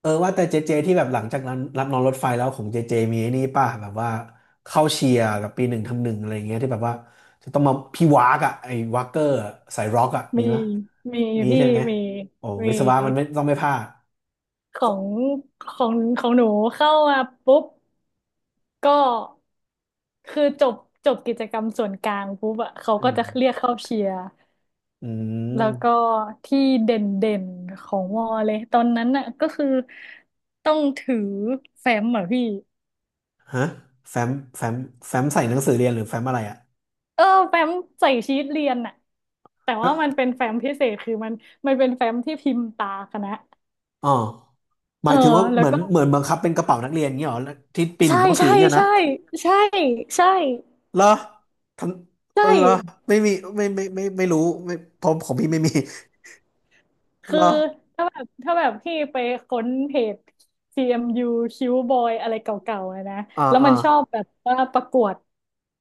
เออว่าแต่เจเจที่แบบหลังจากนั้นรับนอนรถไฟแล้วของเจเจมีไอ้นี่ป่ะแบบว่าเข้าเชียร์กับปีหนึ่งทำหนึ่งอะไรอย่างเงี้ยที่แบบว่าจะต้องมาพี่วากอะไอ้วากเกอร์อะสายร็อกอะมีมีไหมยมีมีพี่ใช่ไหมมีโอ้มีวิศวะมันไม่ต้องไม่พลาดขขอองของของหนูเข้ามาปุ๊บก็คือจบกิจกรรมส่วนกลางปุ๊บอะเขาอืก็มจะเรียกเข้าเชียร์อืแล้วก็มที่เด่นของวอเลยตอนนั้นอะก็คือต้องถือแฟ้มเหรอพี่ฮะแฟ้มแฟ้มแฟ้มใส่หนังสือเรียนหรือแฟ้มอะไรอะเออแฟ้มใส่ชีทเรียนอะแต่ว่ามันฮะเป็นแฟ้มพิเศษคือมันมันเป็นแฟ้มที่พิมพ์ตาคณะอ๋อหเอมาอยถึงว่าแล้เหวมือนก็ เหมือนบังคับเป็นกระเป๋านักเรียนอย่างเงี้ยเหรอที่ปีหใช่นึ่งต้องถือใช่อย่างเงี้ยนะ ใช่ใช่ใช่ใช่ เหรอทันเหรอไม่มีไม่รู้ไม่ผมของพี่ไม่มีเหคืรออถ้าแบบพี่ไปค้นเพจ CMU คิวบอยอะไรเก่าๆอะนะอ่าแล้วอ่ามันชอบแบบว่าประกวด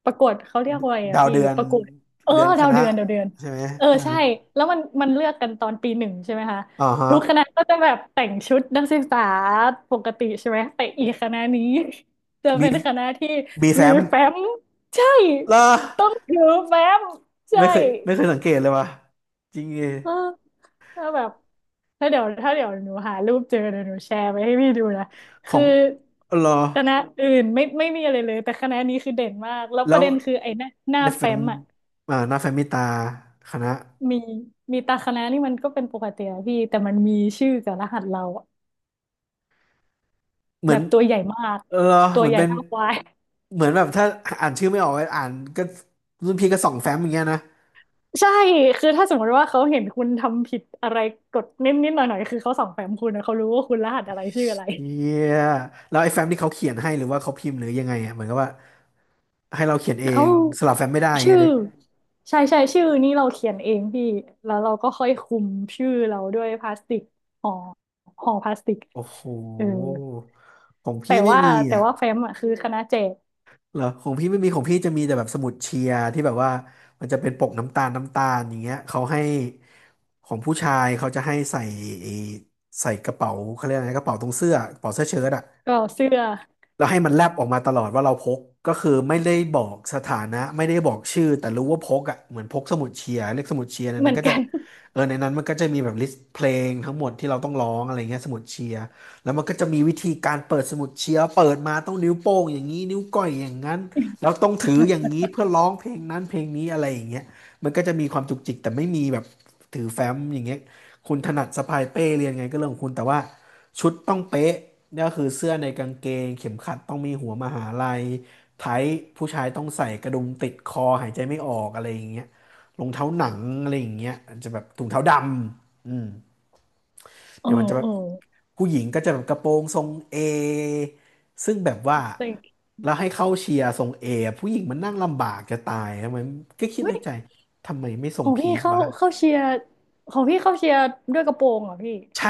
ประกวดเขาเรียกว่าอะไรอ่ะดาวพี่เดือน ประกวดเออเดือนคดาวณะเดือนดาวเดือนใช่ไหมเอออ่าใช่แล้วมันมันเลือกกันตอนปีหนึ่งใช่ไหมคะอ่าฮะทุกคณะก็จะแบบแต่งชุดนักศึกษาปกติใช่ไหมแต่อีกคณะนี้ จะมีเป็นคณะที่มีมีแฟ้มแฟ้มใช่เหรอต้องถือแฟ้มใช่ ไม่เคยไม่เคยสังเกตเลยว่ะจริงเอเออแล้วแบบถ้าเดี๋ยวหนูหารูปเจอเดี๋ยวหนูแชร์ไปให้พี่ดูนะขอคืองเหรอคณะอื่นไม่มีอะไรเลยแต่คณะนี้คือเด่นมากแล้วปแล้ระวเด็นคือไอ้หน้าหน้าแฟ้มอ่ะอ่าหน้าแฟ้มมีตาคณะ มีมีตาคณะนี่มันก็เป็นปกติอะพี่แต่มันมีชื่อกับรหัสเราอะเหมืแบอนบตัวใหญ่มากเหรอตัเหวมือนใหญ่เป็นเท่าควาย เหมือนแบบถ้าอ่านชื่อไม่ออกอ่านก็ รุ่นพี่ก็ส่องแฟ้มอย่างเงี้ยนะ ใช่คือถ้าสมมติว่าเขาเห็นคุณทำผิดอะไรกดนิดนิดหน่อยหน่อยๆคือเขาส่องแฟ้มคุณนะเขารู้ว่าคุณรหัสอะไรชื่ออะไร เฮียแล้วไอ้แฟ้มที่เขาเขียนให้หรือว่าเขาพิมพ์หรือยังไงอ่ะเหมือนกับว่าให้เราเขียนเอเอ้างสลับแฟ้มไม่ได้อย่างชื่เงี้ยอเด้ใช่ใช่ชื่อนี่เราเขียนเองพี่แล้วเราก็ค่อยคุมชื่อเราด้วยพลาสติกห่อห่อพลาสติกโอ้โหเออของแต่พี่ไม่ว่ามีแต่อ่ะว่าแฟ้มอ่ะคือคณะแจกเหรอของพี่ไม่มีของพี่จะมีแต่แบบสมุดเชียร์ที่แบบว่ามันจะเป็นปกน้ำตาลอย่างเงี้ยเขาให้ของผู้ชายเขาจะให้ใส่ไอ้ใส่กระเป๋าเขาเรียกอะไรกระเป๋าตรงเสื้อกระเป๋าเสื้อเชิ้ตอ่ะ ก็เสื้อแล้วให้มันแลบออกมาตลอดว่าเราพกก็คือไม่ได้บอกสถานะไม่ได้บอกชื่อแต่รู้ว่าพกอ่ะเหมือนพกสมุดเชียร์เลขสมุดเชียร์ในเหนั้มืนอนก็จะกัน เออในนั้นมันก็จะมีแบบลิสต์เพลงทั้งหมดที่เราต้องร้องอะไรเงี้ยสมุดเชียร์แล้วมันก็จะมีวิธีการเปิดสมุดเชียร์เปิดมาต้องนิ้วโป้งอย่างนี้นิ้วก้อยอย่างนั้นแล้วต้องถืออย่างนี้เพื่อร้องเพลงนั้นเพลงนี้อะไรอย่างเงี้ยมันก็จะมีความจุกจิกแต่ไม่มีแบบถือแฟ้มอย่างเงี้ยคุณถนัดสะพายเป้เรียนไงก็เรื่องของคุณแต่ว่า ชุดต้องเป๊ะเนี่ยก็คือเสื้อในกางเกงเข็มขัดต้องมีหัวมหาลัยไทท์ผู้ชายต้องใส่กระดุมติดคอหายใจไม่ออกอะไรอย่างเงี้ยรองเท้าหนังอะไรอย่างเงี้ยอาจจะแบบถุงเท้าดำอืมเออเดี๋ยวมันจะแบเอบอผู้หญิงก็จะแบบกระโปรงทรงเอซึ่งแบบว่าเซ็งแล้วให้เข้าเชียร์ทรงเอผู้หญิงมันนั่งลำบากจะตายทำไมก็คิดเฮ้ในยใจทำไมไม่ทรขงองพีพี่ทเข้าวะ เข้าเชียร์ของพี่เข้าเชียร์ด้วยกระโปรงเหรอพี่ใช่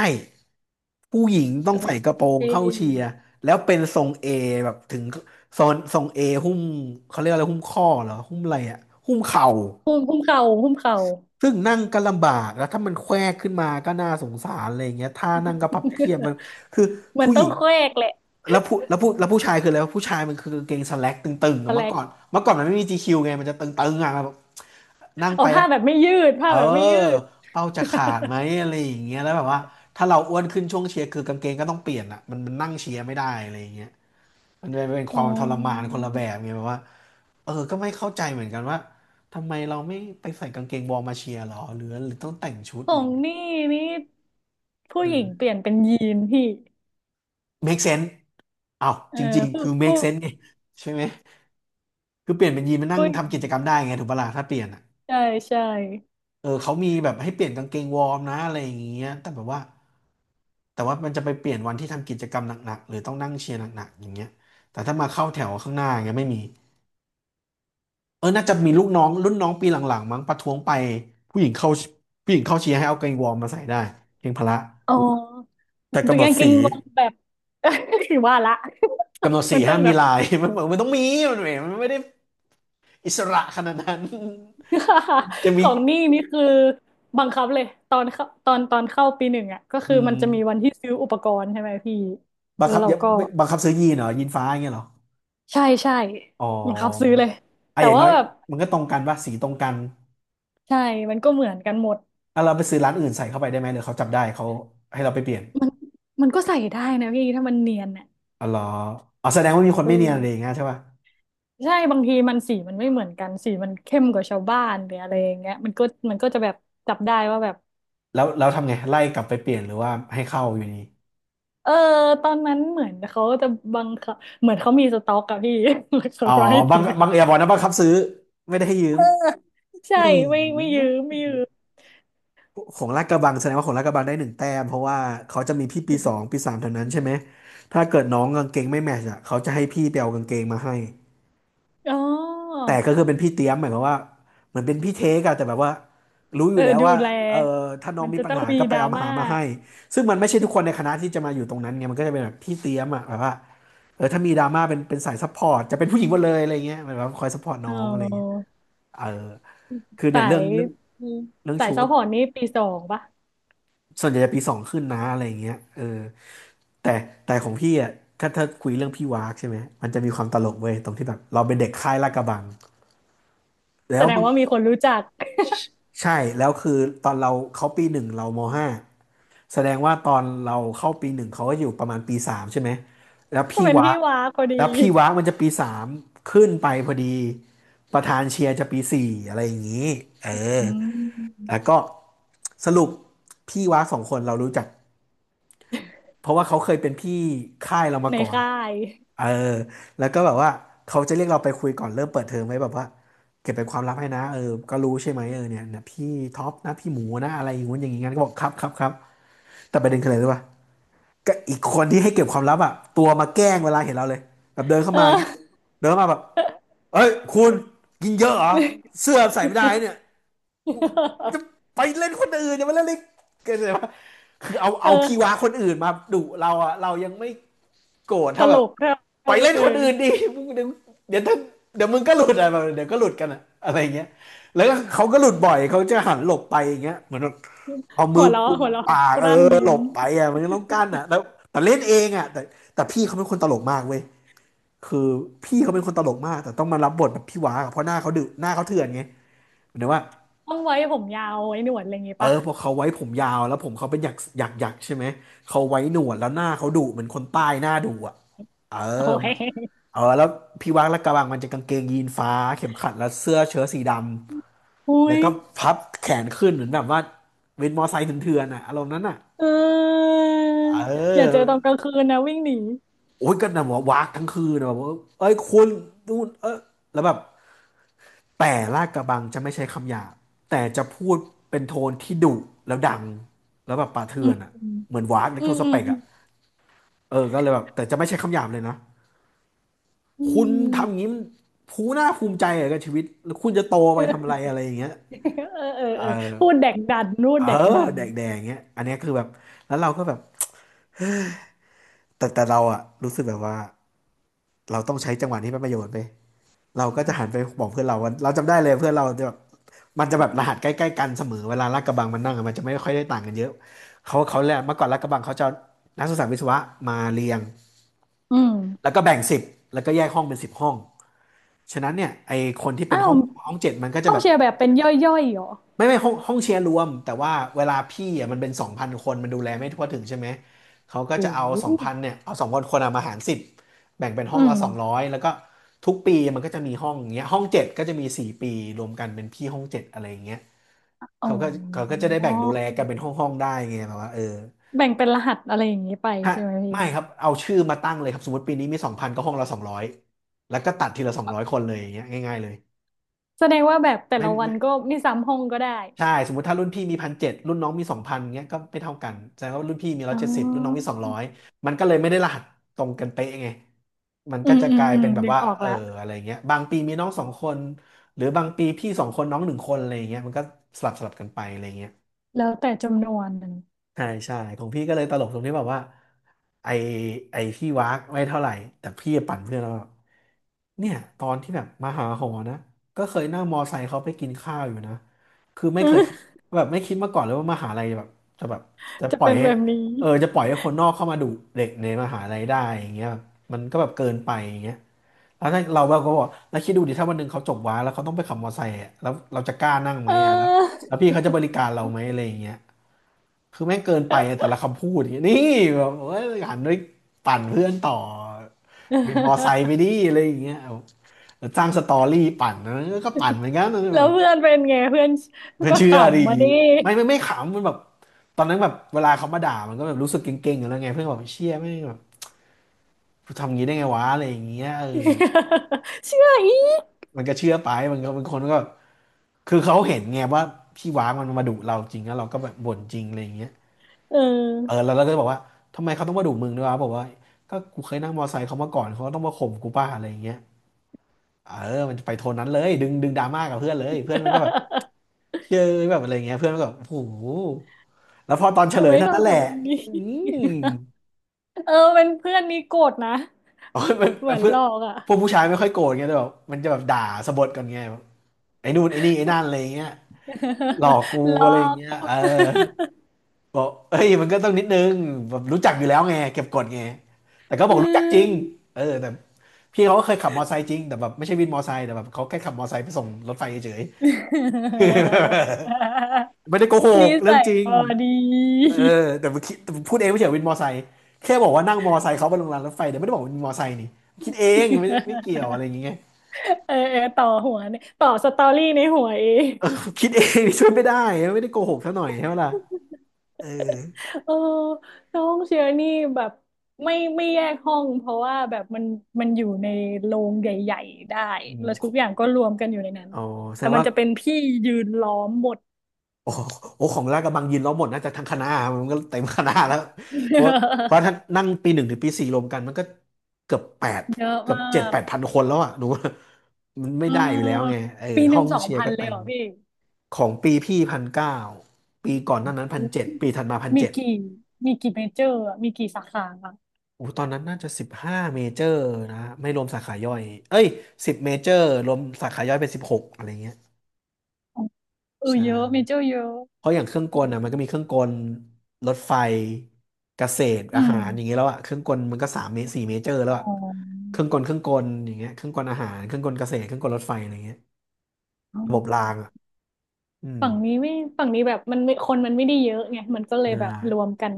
ผู้หญิงต้องเอ้ใส่ยกระโปรเทงเข้าเชีย่ร์แล้วเป็นทรงเอแบบถึงโซนทรงเอหุ้มเขาเรียกอะไรหุ้มข้อเหรอหุ้มอะไรอ่ะหุ้มเข่าหุ้มเข่าหุ้มเข่า ซึ่งนั่งก็ลำบากแล้วถ้ามันแควกขึ้นมาก็น่าสงสารอะไรอย่างเงี้ยท่านั่งก็พับเพียบมันคือ มันผู้หต้อญิงงแควกแหละแล้วผู้ชายคืออะไรวะผู้ชายมันคือกางเกงสแล็กตึงๆอะตะแลเมื่อกก่อนเมื่อก่อนมันไม่มี GQ ไงมันจะตึงๆอ่ะแบบนั่งเอาไปแล้ว ผ้าแบบไม่ยืดผ้าเออแบบไม่ยืด เป้าจะขาดไหม อะไรอย่างเงี้ยแล้วแบบว่าถ้าเราอ้วนขึ้นช่วงเชียร์คือกางเกงก็ต้องเปลี่ยนอ่ะมันนั่งเชียร์ไม่ได้อะไรอย่างเงี้ยมันเป็นคอ๋อ วามทรมานคนละแบบไงแบบว่าเออก็ไม่เข้าใจเหมือนกันว่าทำไมเราไม่ไปใส่กางเกงวอร์มมาเชียร์หรอหรือต้องแต่งชุดขอะอไรองย่างเงี้ยนี่นี่ผู้เอหญิอ งเปลี่ยนเป็นยีนพี่ make sense อ้าวเอจอริงๆผู้คือ ผู้ make sense ไงใช่ไหมคือเปลี่ยนเป็นยีนมานั่งผู้หญิงทำกิจกรรมได้ไงถูกปะล่ะถ้าเปลี่ยนอะ ใช่ใช่เออเขามีแบบให้เปลี่ยนกางเกงวอร์มนะอะไรอย่างเงี้ยแต่แบบว่าแต่ว่ามันจะไปเปลี่ยนวันที่ทำกิจกรรมหนักๆหรือต้องนั่งเชียร์หนักๆอย่างเงี้ยแต่ถ้ามาเข้าแถวข้างหน้าอย่างเงี้ยไม่มีเออน่าจะมีลูกน้องรุ่นน้องปีหลังๆมั้งประท้วงไปผู้หญิงเข้าผู้หญิงเข้าเชียร์ให้เอากางเกงวอร์มมาใส่ได้เพียงพละอ๋อแต่ตักำวหนดกางเกสีงวางแบบ ว่าละกำหนดสีมันต้ห้าองมแบมีบ ลาย มันบอกมันต้องมีมันไม่ได้อิสระขนาดนั้น จะ ขมีองนี่นี่คือบังคับเลยตอนเข้าปีหนึ่งอ่ะก็อืคือมันจะมีวันมที่ซื้ออุปกรณ์ใช่ไหมพี่บังแล้วคับเราอย่าก็บังคับซื้อยีนเหรอยีนฟ้าอย่างเงี้ยเหรอ ใช่ใช่อ๋อบังคับซื้อเลยอ่ะแต่อย่างว่าน้อยแบบมันก็ตรงกันป่ะสีตรงกันใช่มันก็เหมือนกันหมดอ่ะเราไปซื้อร้านอื่นใส่เข้าไปได้ไหมหรือเขาจับได้เขาให้เราไปเปลี่ยนมันมันก็ใส่ได้นะพี่ถ้ามันเนียนอ่ะอ๋อเหรออ๋อแสดงว่ามีคนอือ ไม่เนียนอะไรอย่างเงี้ยใช่ป่ะใช่บางทีมันสีมันไม่เหมือนกันสีมันเข้มกว่าชาวบ้านหรืออะไรอย่างเงี้ยมันก็มันก็จะแบบจับได้ว่าแบบแล้วทำไง ไล่กลับไปเปลี่ยนหรือว่าให้เข้าอยู่ดีเออตอนนั้นเหมือนเขาจะบังคับเหมือนเขามีสต็อกอะพี่ แล้วเขาอ๋อก็ให้บังซื้อบังเอียบอกนะบังคับซื้อไม่ได้ให้ยืมเออใช่อืไม่ยืมมไม่ยืมของลาดกระบังแสดงว่าของลาดกระบังได้หนึ่งแต้มเพราะว่าเขาจะมีพี่ปีสองปีสามเท่านั้นใช่ไหมถ้าเกิดน้องกางเกงไม่แมทช์อ่ะเขาจะให้พี่ไปเอากางเกงมาให้ อ๋อแต่ก็คือเป็นพี่เตี้ยมหมายความว่าเหมือนเป็นพี่เทกอะแต่แบบว่ารู้อเอยู่อแล้วดูว่าแลเออถ้าน้อมังนมีจะปัญต้องหามีก็ไปดราเอามาม่าหามาให้ซึ่งมันไม่ใช่ทุกคนในคณะที่จะมาอยู่ตรงนั้นไงมันก็จะเป็นแบบพี่เตี้ยมอะแบบว่าเออถ้ามีดราม่าเป็นสายซัพพอร์ตจะเป็นผู้หญิงหมดเลยอะไรเงี้ยเหมือนแบบคอยซัพพอร์ตเน้องอะไรเงี้ยออเออคือเนี่สายยเรื่องสายชุซัพดพอร์ตนี่ปีสองปะส่วนใหญ่จะปีสองขึ้นนะอะไรเงี้ยเออแต่ของพี่อะถ้าคุยเรื่องพี่วากใช่ไหมมันจะมีความตลกเว้ยตรงที่แบบเราเป็นเด็กค่ายลาดกระบังแล้แสว ดงว่ามีคนรู้จัก ใช่แล้วคือตอนเราเขาปีหนึ่งเรามห้าแสดงว่าตอนเราเข้าปีหนึ่งเขาก็อยู่ประมาณปีสามใช่ไหมแล้ว ก็พี่เป็นวะพี่ว้าพอดีแล้วพี่วะมันจะปีสามขึ้นไปพอดีประธานเชียร์จะปีสี่อะไรอย่างนี้เอออืมแล้วก็สรุปพี่วะสองคนเรารู้จักเพราะว่าเขาเคยเป็นพี่ค่ายเรามาในก่อน ค่ายเออแล้วก็แบบว่าเขาจะเรียกเราไปคุยก่อนเริ่มเปิดเทอมไว้แบบว่าเก็บเป็นความลับให้นะเออก็รู้ใช่ไหมเออเนี่ยเนี่ยพี่ท็อปนะพี่หมูนะอะไรอย่างงู้นอย่างงี้งั้นก็บอกครับครับครับแต่ประเด็นคืออะไรรู้ป่ะก็อีกคนที่ให้เก็บความลับอ่ะตัวมาแกล้งเวลาเห็นเราเลยแบบเดินเข้าเอมาอย่างเงี้ยอ เดินเข้ามาแบบเอ้ยคุณกินเยอะเหรอเสื้อใส่ไม่ได้เนี่ยกูจะไปเล่นคนอื่นเนี่ยมาเล่นเล่นเกิดอะไรวะคือเอาเอเอาพี่ว้าอคนอื่นมาดุเราอ่ะเรายังไม่โกรธตเท่าแบลบ กเรไปาเล่นเออคนอื่นดิ มึงเดี๋ยวเดี๋ยวถ้าเดี๋ยวมึงก็หลุดอะไรแบบเดี๋ยวก็หลุดกันอะอะไรเงี้ยแล้วก็เขาก็หลุดบ่อยเขาจะหันหลบไปอย่างเงี้ยเหมือนแบบเอาหัมืวอเราะกุมหัวเราะปากกเอลั้นอยิ้หลมบไปอะมันก็ต้องกั้นอะแล้วแต่เล่นเองอะแต่พี่เขาเป็นคนตลกมากเว้ยคือพี่เขาเป็นคนตลกมากแต่ต้องมารับบทแบบพี่ว้าอะเพราะหน้าเขาดุหน้าเขาเถื่อนไงเหมือนว่า ต้องไว้ผมยาวไว้หนวดอะไรอย่างงี้เออป่ะพอเขาไว้ผมยาวแล้วผมเขาเป็นหยักหยักหยักใช่ไหมเขาไว้หนวดแล้วหน้าเขาดุเหมือนคนใต้หน้าดุอ่ะเออโอ้ยมันเออแล้วพี่วักและกระบังมันจะกางเกงยีนฟ้าเข็มขัดและเสื้อเชิ้ตสีดำอุ้แล้วยก็พับแขนขึ้นเหมือนแบบว่าเวนมอไซค์เถื่อนๆอ่ะอารมณ์นั้นอ่ะเออเออย่าเจอตอนกลางอคืนนะวิ่งหนีโอ้ยก็นะว่าวากทั้งคืนนะแบบว่าเอ้ยคุณนู่นเออแล้วแบบ แต่ลาดกระบังจะไม่ใช้คำหยาบแต่จะพูดเป็นโทนที่ดุแล้วดังแล้วแบบป่าอืเถื่อนอ่ะมเหมือนวากใลอืโทมสอืเปมกอืมอ่ะเออก็เลยแบบแต่จะไม่ใช้คำหยาบเลยนะอืคุณทำอย่างนี้มผู้ภูน่าภูมิใจเหรอกับชีวิตแล้วคุณจะโตไปทำอะเออไรอะไรอย่างเงี้ยเออเออเอเอออพูดแดกดันพูเอดอแดกดันแดกๆอย่างเงี้ยอันเนี้ยคือแบบแล้วเราก็แบบแต่เราอ่ะรู้สึกแบบว่าเราต้องใช้จังหวะนี้เป็นประโยชน์ไป เราก็จะหันไปบอกเพื่อนเราว่าเราจำได้เลยเพื่อนเราจะแบบมันจะแบบรหัสใกล้ๆกันเสมอเวลาลาดกระบังมันนั่งอะมันจะไม่ค่อยได้ต่างกันเยอะเขาแหละเมื่อก่อนลาดกระบังเขาจะเอานักศึกษาวิศวะมาเรียงอืมแล้วก็แบ่งสิบแล้วก็แยกห้องเป็น10 ห้องฉะนั้นเนี่ยไอคนที่เป็อ้านวห้อง7มันก็จะห้องแบบ แชร์แบบเป็นย่อยๆเหรอไม่ไม่ห้องเชียร์รวมแต่ว่าเวลาพี่อ่ะมันเป็นสองพันคนมันดูแลไม่ทั่วถึงใช่ไหมเขาก็จะโอ้เอาโหสองพันเนี่ยเอาสองพันคนอ่ะมาหารสิบแบ่งเป็นห้อืองละมสองร้อยแล้วก็ทุกปีมันก็จะมีห้องอย่างเงี้ยห้องเจ็ดก็จะมี4 ปีรวมกันเป็นพี่ห้องเจ็ดอะไรอย่างเงี้ยอ๋อ เขาก็เขาก็จะได้แบ่งดูแลกันเป็นห้องห้องได้ไงแบบว่าเออแบ่งเป็นรหัสอะไรอย่างนี้ไปถ้าใช่ไหมพี่ไม่ครับเอาชื่อมาตั้งเลยครับสมมติปีนี้มีสองพันก็ห้องละสองร้อยแล้วก็ตัดทีละ200 คนเลยอย่างเงี้ยง่ายๆเลยแสดงว่าแบบแต่ไม่ละวันไม่ ก็ไม่ซ้ำห้องก็ได้ใช่สมมติถ้ารุ่นพี่มีพันเจ็ดรุ่นน้องมีสองพันเงี้ยก็ไม่เท่ากันแสดงว่ารุ่นพี่มีร้ออ๋ยเจ็ดสิบรุ่นน้องมีอสองร้อยมันก็เลยไม่ได้รหัสตรงกันเป๊ะไงมันอืก็มจะอืกมลายอืมเป็นแบบดึงว่าออกเออละอะไรเงี้ยบางปีมีน้องสองคนหรือบางปีพี่สองคนน้องหนึ่งคนอะไรเงี้ยมันก็สลับสลับกันไปอะไรเงี้ย แล้วแต่จำนวนนะ ใช่ใช่ของพี่ก็เลยตลกตรงที่แบบว่าไอไอพี่วากไม่เท่าไหร่แต่พี่ปั่นเพื่อนแล้วาเนี่ยตอนที่แบบมาหาหอนะก็เคยนั่งมอไซค์เขาไปกินข้าวอยู่นะคือไม่เคยคิดแบบไม่คิดมาก่อนเลยว่ามหาลัยแบบจะแบบจะ จะปล่อยเป็นให้แบบนี้เออจะปล่อยให้คนนอกเข้ามาดุเด็กในมหาลัยได้อย่างเงี้ยแบบมันก็แบบเกินไปอย่างเงี้ยแล้วถ้าเราก็บอกแล้วคิดดูดิถ้าวันหนึ่งเขาจบวาแล้วเขาต้องไปขับมอไซค์อะแล้วเราจะกล้านั่งไหมเออะแล้วอ แล้วพี่เขาจะบริการเราไหมอะไรอย่างเงี้ย คือแม่งเกินไปอะแต่ละคำพูดอย่างเงี้ยนี่แบบเอ้ยหันไปปั่นเพื่อนต่อเป็นมอไซค์ ไปดิอะไรอย่างเงี้ยเอาสร้างสตอรี่ปั่นนะก็ปั่นเหมือนกันนะแบแล้วบเพื่อนเป็นไงเพื่อนไม่ก็ขเชื่อดิำมาดิ ไม่ไม่ไม่ขำมันแบบตอนนั้นแบบเวลาเขามาด่ามันก็แบบรู้สึกเก่งๆอยู่แล้วไงเพื่อนก็แบบเชี่ยไม่งแบบทำยงี้ได้ไงวะอะไรอย่างเงี้ยเออ เชื่ออีกมันก็เชื่อไปมันก็บางคนก็คือเขาเห็นไงว่าพี่ว้างมันมาดุเราจริงแล้วเราก็แบบบ่นจริงอะไรอย่างเงี้ย เอเอออ แล้วเราก็บอกว่าทำไมเขาต้องมาดุมึงด้วยวะบอกว่าก็กูเคยนั่งมอไซค์เขามาก่อนเขาก็ต้องมาข่มกูป้าอะไรอย่างเงี้ยเออมันจะไปโทนนั้นเลยดึงดราม่ากับเพื่อนเลยเพื่อนมันก็แบบ เจอแบบอะไรเงี้ยเพื่อนมันก็แบบโอ้โหแล้วพอตอนเฉทำลไมยเท่าต้องนั้นแหละทำแบบนี้ อืม เออเป็นเพื่อนนี่โกรธนะ เออมันเหมือนเพื่อหลนอกอ่ะ พวกผู้ชายไม่ค่อยโกรธไงแต่แบบมันจะแบบด่าสะบดกันไงแบบไอ้นู่นไอ้นี่ไอ้นั่นอะไรอย่างเงี้ยหลอกกู หลอะไรออย่างก เงี้ยเออ บอกเอ้ยมันก็ต้องนิดนึงแบบรู้จักอยู่แล้วไงเก็บกดไงแต่ก็ บอือกรู้จักจริงม เออแต่พี่เขาก็เคยขับมอไซค์จริงแต่แบบไม่ใช่วินมอไซค์แต่แบบเขาแค่ขับมอไซค์ไปส่งรถไฟเฉยๆ ไม่ได้โกหนิกเรื่อสังยจริงบอดี เออแต่มันคิดแต่พูดเองไม่เฉยวินมอไซค์แค่บอกว่านั่งมอไซค์เขาไปลงรางรถไฟแต่ไม่ได้บอกว่าวินมอไซค์นี่คิดเองไม่เกี่ยว อะไรอย่างเงี้ยเออเออต่อหัวเนี่ยต่อสตอรี่ในหัวเองคิดเอง นี่ช่วยไม่ได้ไม่ได้โกหกซะหน่อยใช่ไหมล่ะเออเออน้องเชียร์นี่แบบไม่แยกห้องเพราะว่าแบบมันมันอยู่ในโรงใหญ่ๆได้อืมแล้วทุกอย่างก็รวมกันอยู่ในนั้นอ๋อแสแต่ดงมันว่า จะเป็นพี่ยืนล้อมหมด โอ้โหโอ้ของลาดกระบังยินล้อมหมดน่าจะทั้งคณะมันก็เต็มคณะแล้ว เพราะเพราะถ้า นั่งปีหนึ่งถึงปีสี่รวมกันมันก็เกือบแปดเยอะเกือบมาเจ็ดกแปดพันคนแล้วอ่ะหนูว่ามันไม่เได้อยู่แล้วไงออเออปีหห้อนึ่งงสองเชียร์พันก็เลเต็ยเหมรอพี่ของปีพี่1,900ปีก่อนหน้านั้นพันเจ็ดปีถัดมาพันมีเจ็ดกี่มีกี่เมเจอร์อะมีกี่สาขาอะ โอ้ตอนนั้นน่าจะ15 เมเจอร์นะไม่รวมสาขาย่อยเอ้ย10 เมเจอร์รวมสาขาย่อยเป็น16อะไรเงี้ยเออใช่ เยอะเมเจอร์เยอะเพราะอย่างเครื่องกลอ่ะมันก็มีเครื่องกลรถไฟเกษตรอือามหารอย่างเงี้ยแล้วอ่ะเครื่องกลมันก็สามเมตรสี่เมเจอร์แล้วอ๋อ่ะอเครื่องกลอย่างเงี้ยเครื่องกลอาหารเครื่องกลเกษตรเครื่องกลรถไฟอะไรเงี้ยอ๋อระบบรางอ่ะอืมฝั่งนี้ไม่ฝั่งนี้แบบมันไม่คนมันไม่ได้เยอะไงมันก็เลยใช่แบบรวมกัน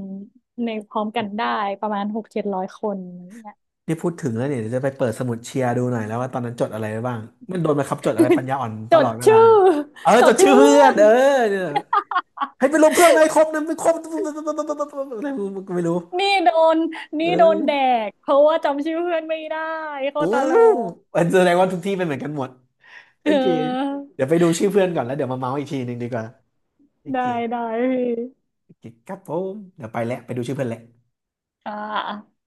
ในพร้อมกันได้ประมาณหกเจ็ดร้อยคนอย่างเนี่ยนี่พูดถึงแล้วเนี่ยเดี๋ยวจะไปเปิดสมุดเชียร์ดูหน่อยแล้วว่าตอนนั้นจดอะไรไว้บ้างมันโดนบังคับจดอะไรปัญญาอ่อนตจลดอดเวลาชื่อ เออ จจดดชื่ชื่ออเพื่เพื่ออนนเออเนี่ยให้ไปลงเพื่อนไหมครบนะไม่ครบอะไรไม่รู้นี่โดนเอนี่โดนแดอกเพราะว่าจำชื่อเพื่อนไม่ได้โคตรโอ้ตลกแสดงว่าทุกที่เป็นเหมือนกันหมด เโอเค ออเดี๋ยวไปดูชื่อเพื่อนก่อนแล้วเดี๋ยวมาเมาส์อีกทีหนึ่งดีกว่าโอได้เคได้พี่โอเคครับผมเดี๋ยวไปแล้วไปดูชื่อเพื่อนแล้วค่ะ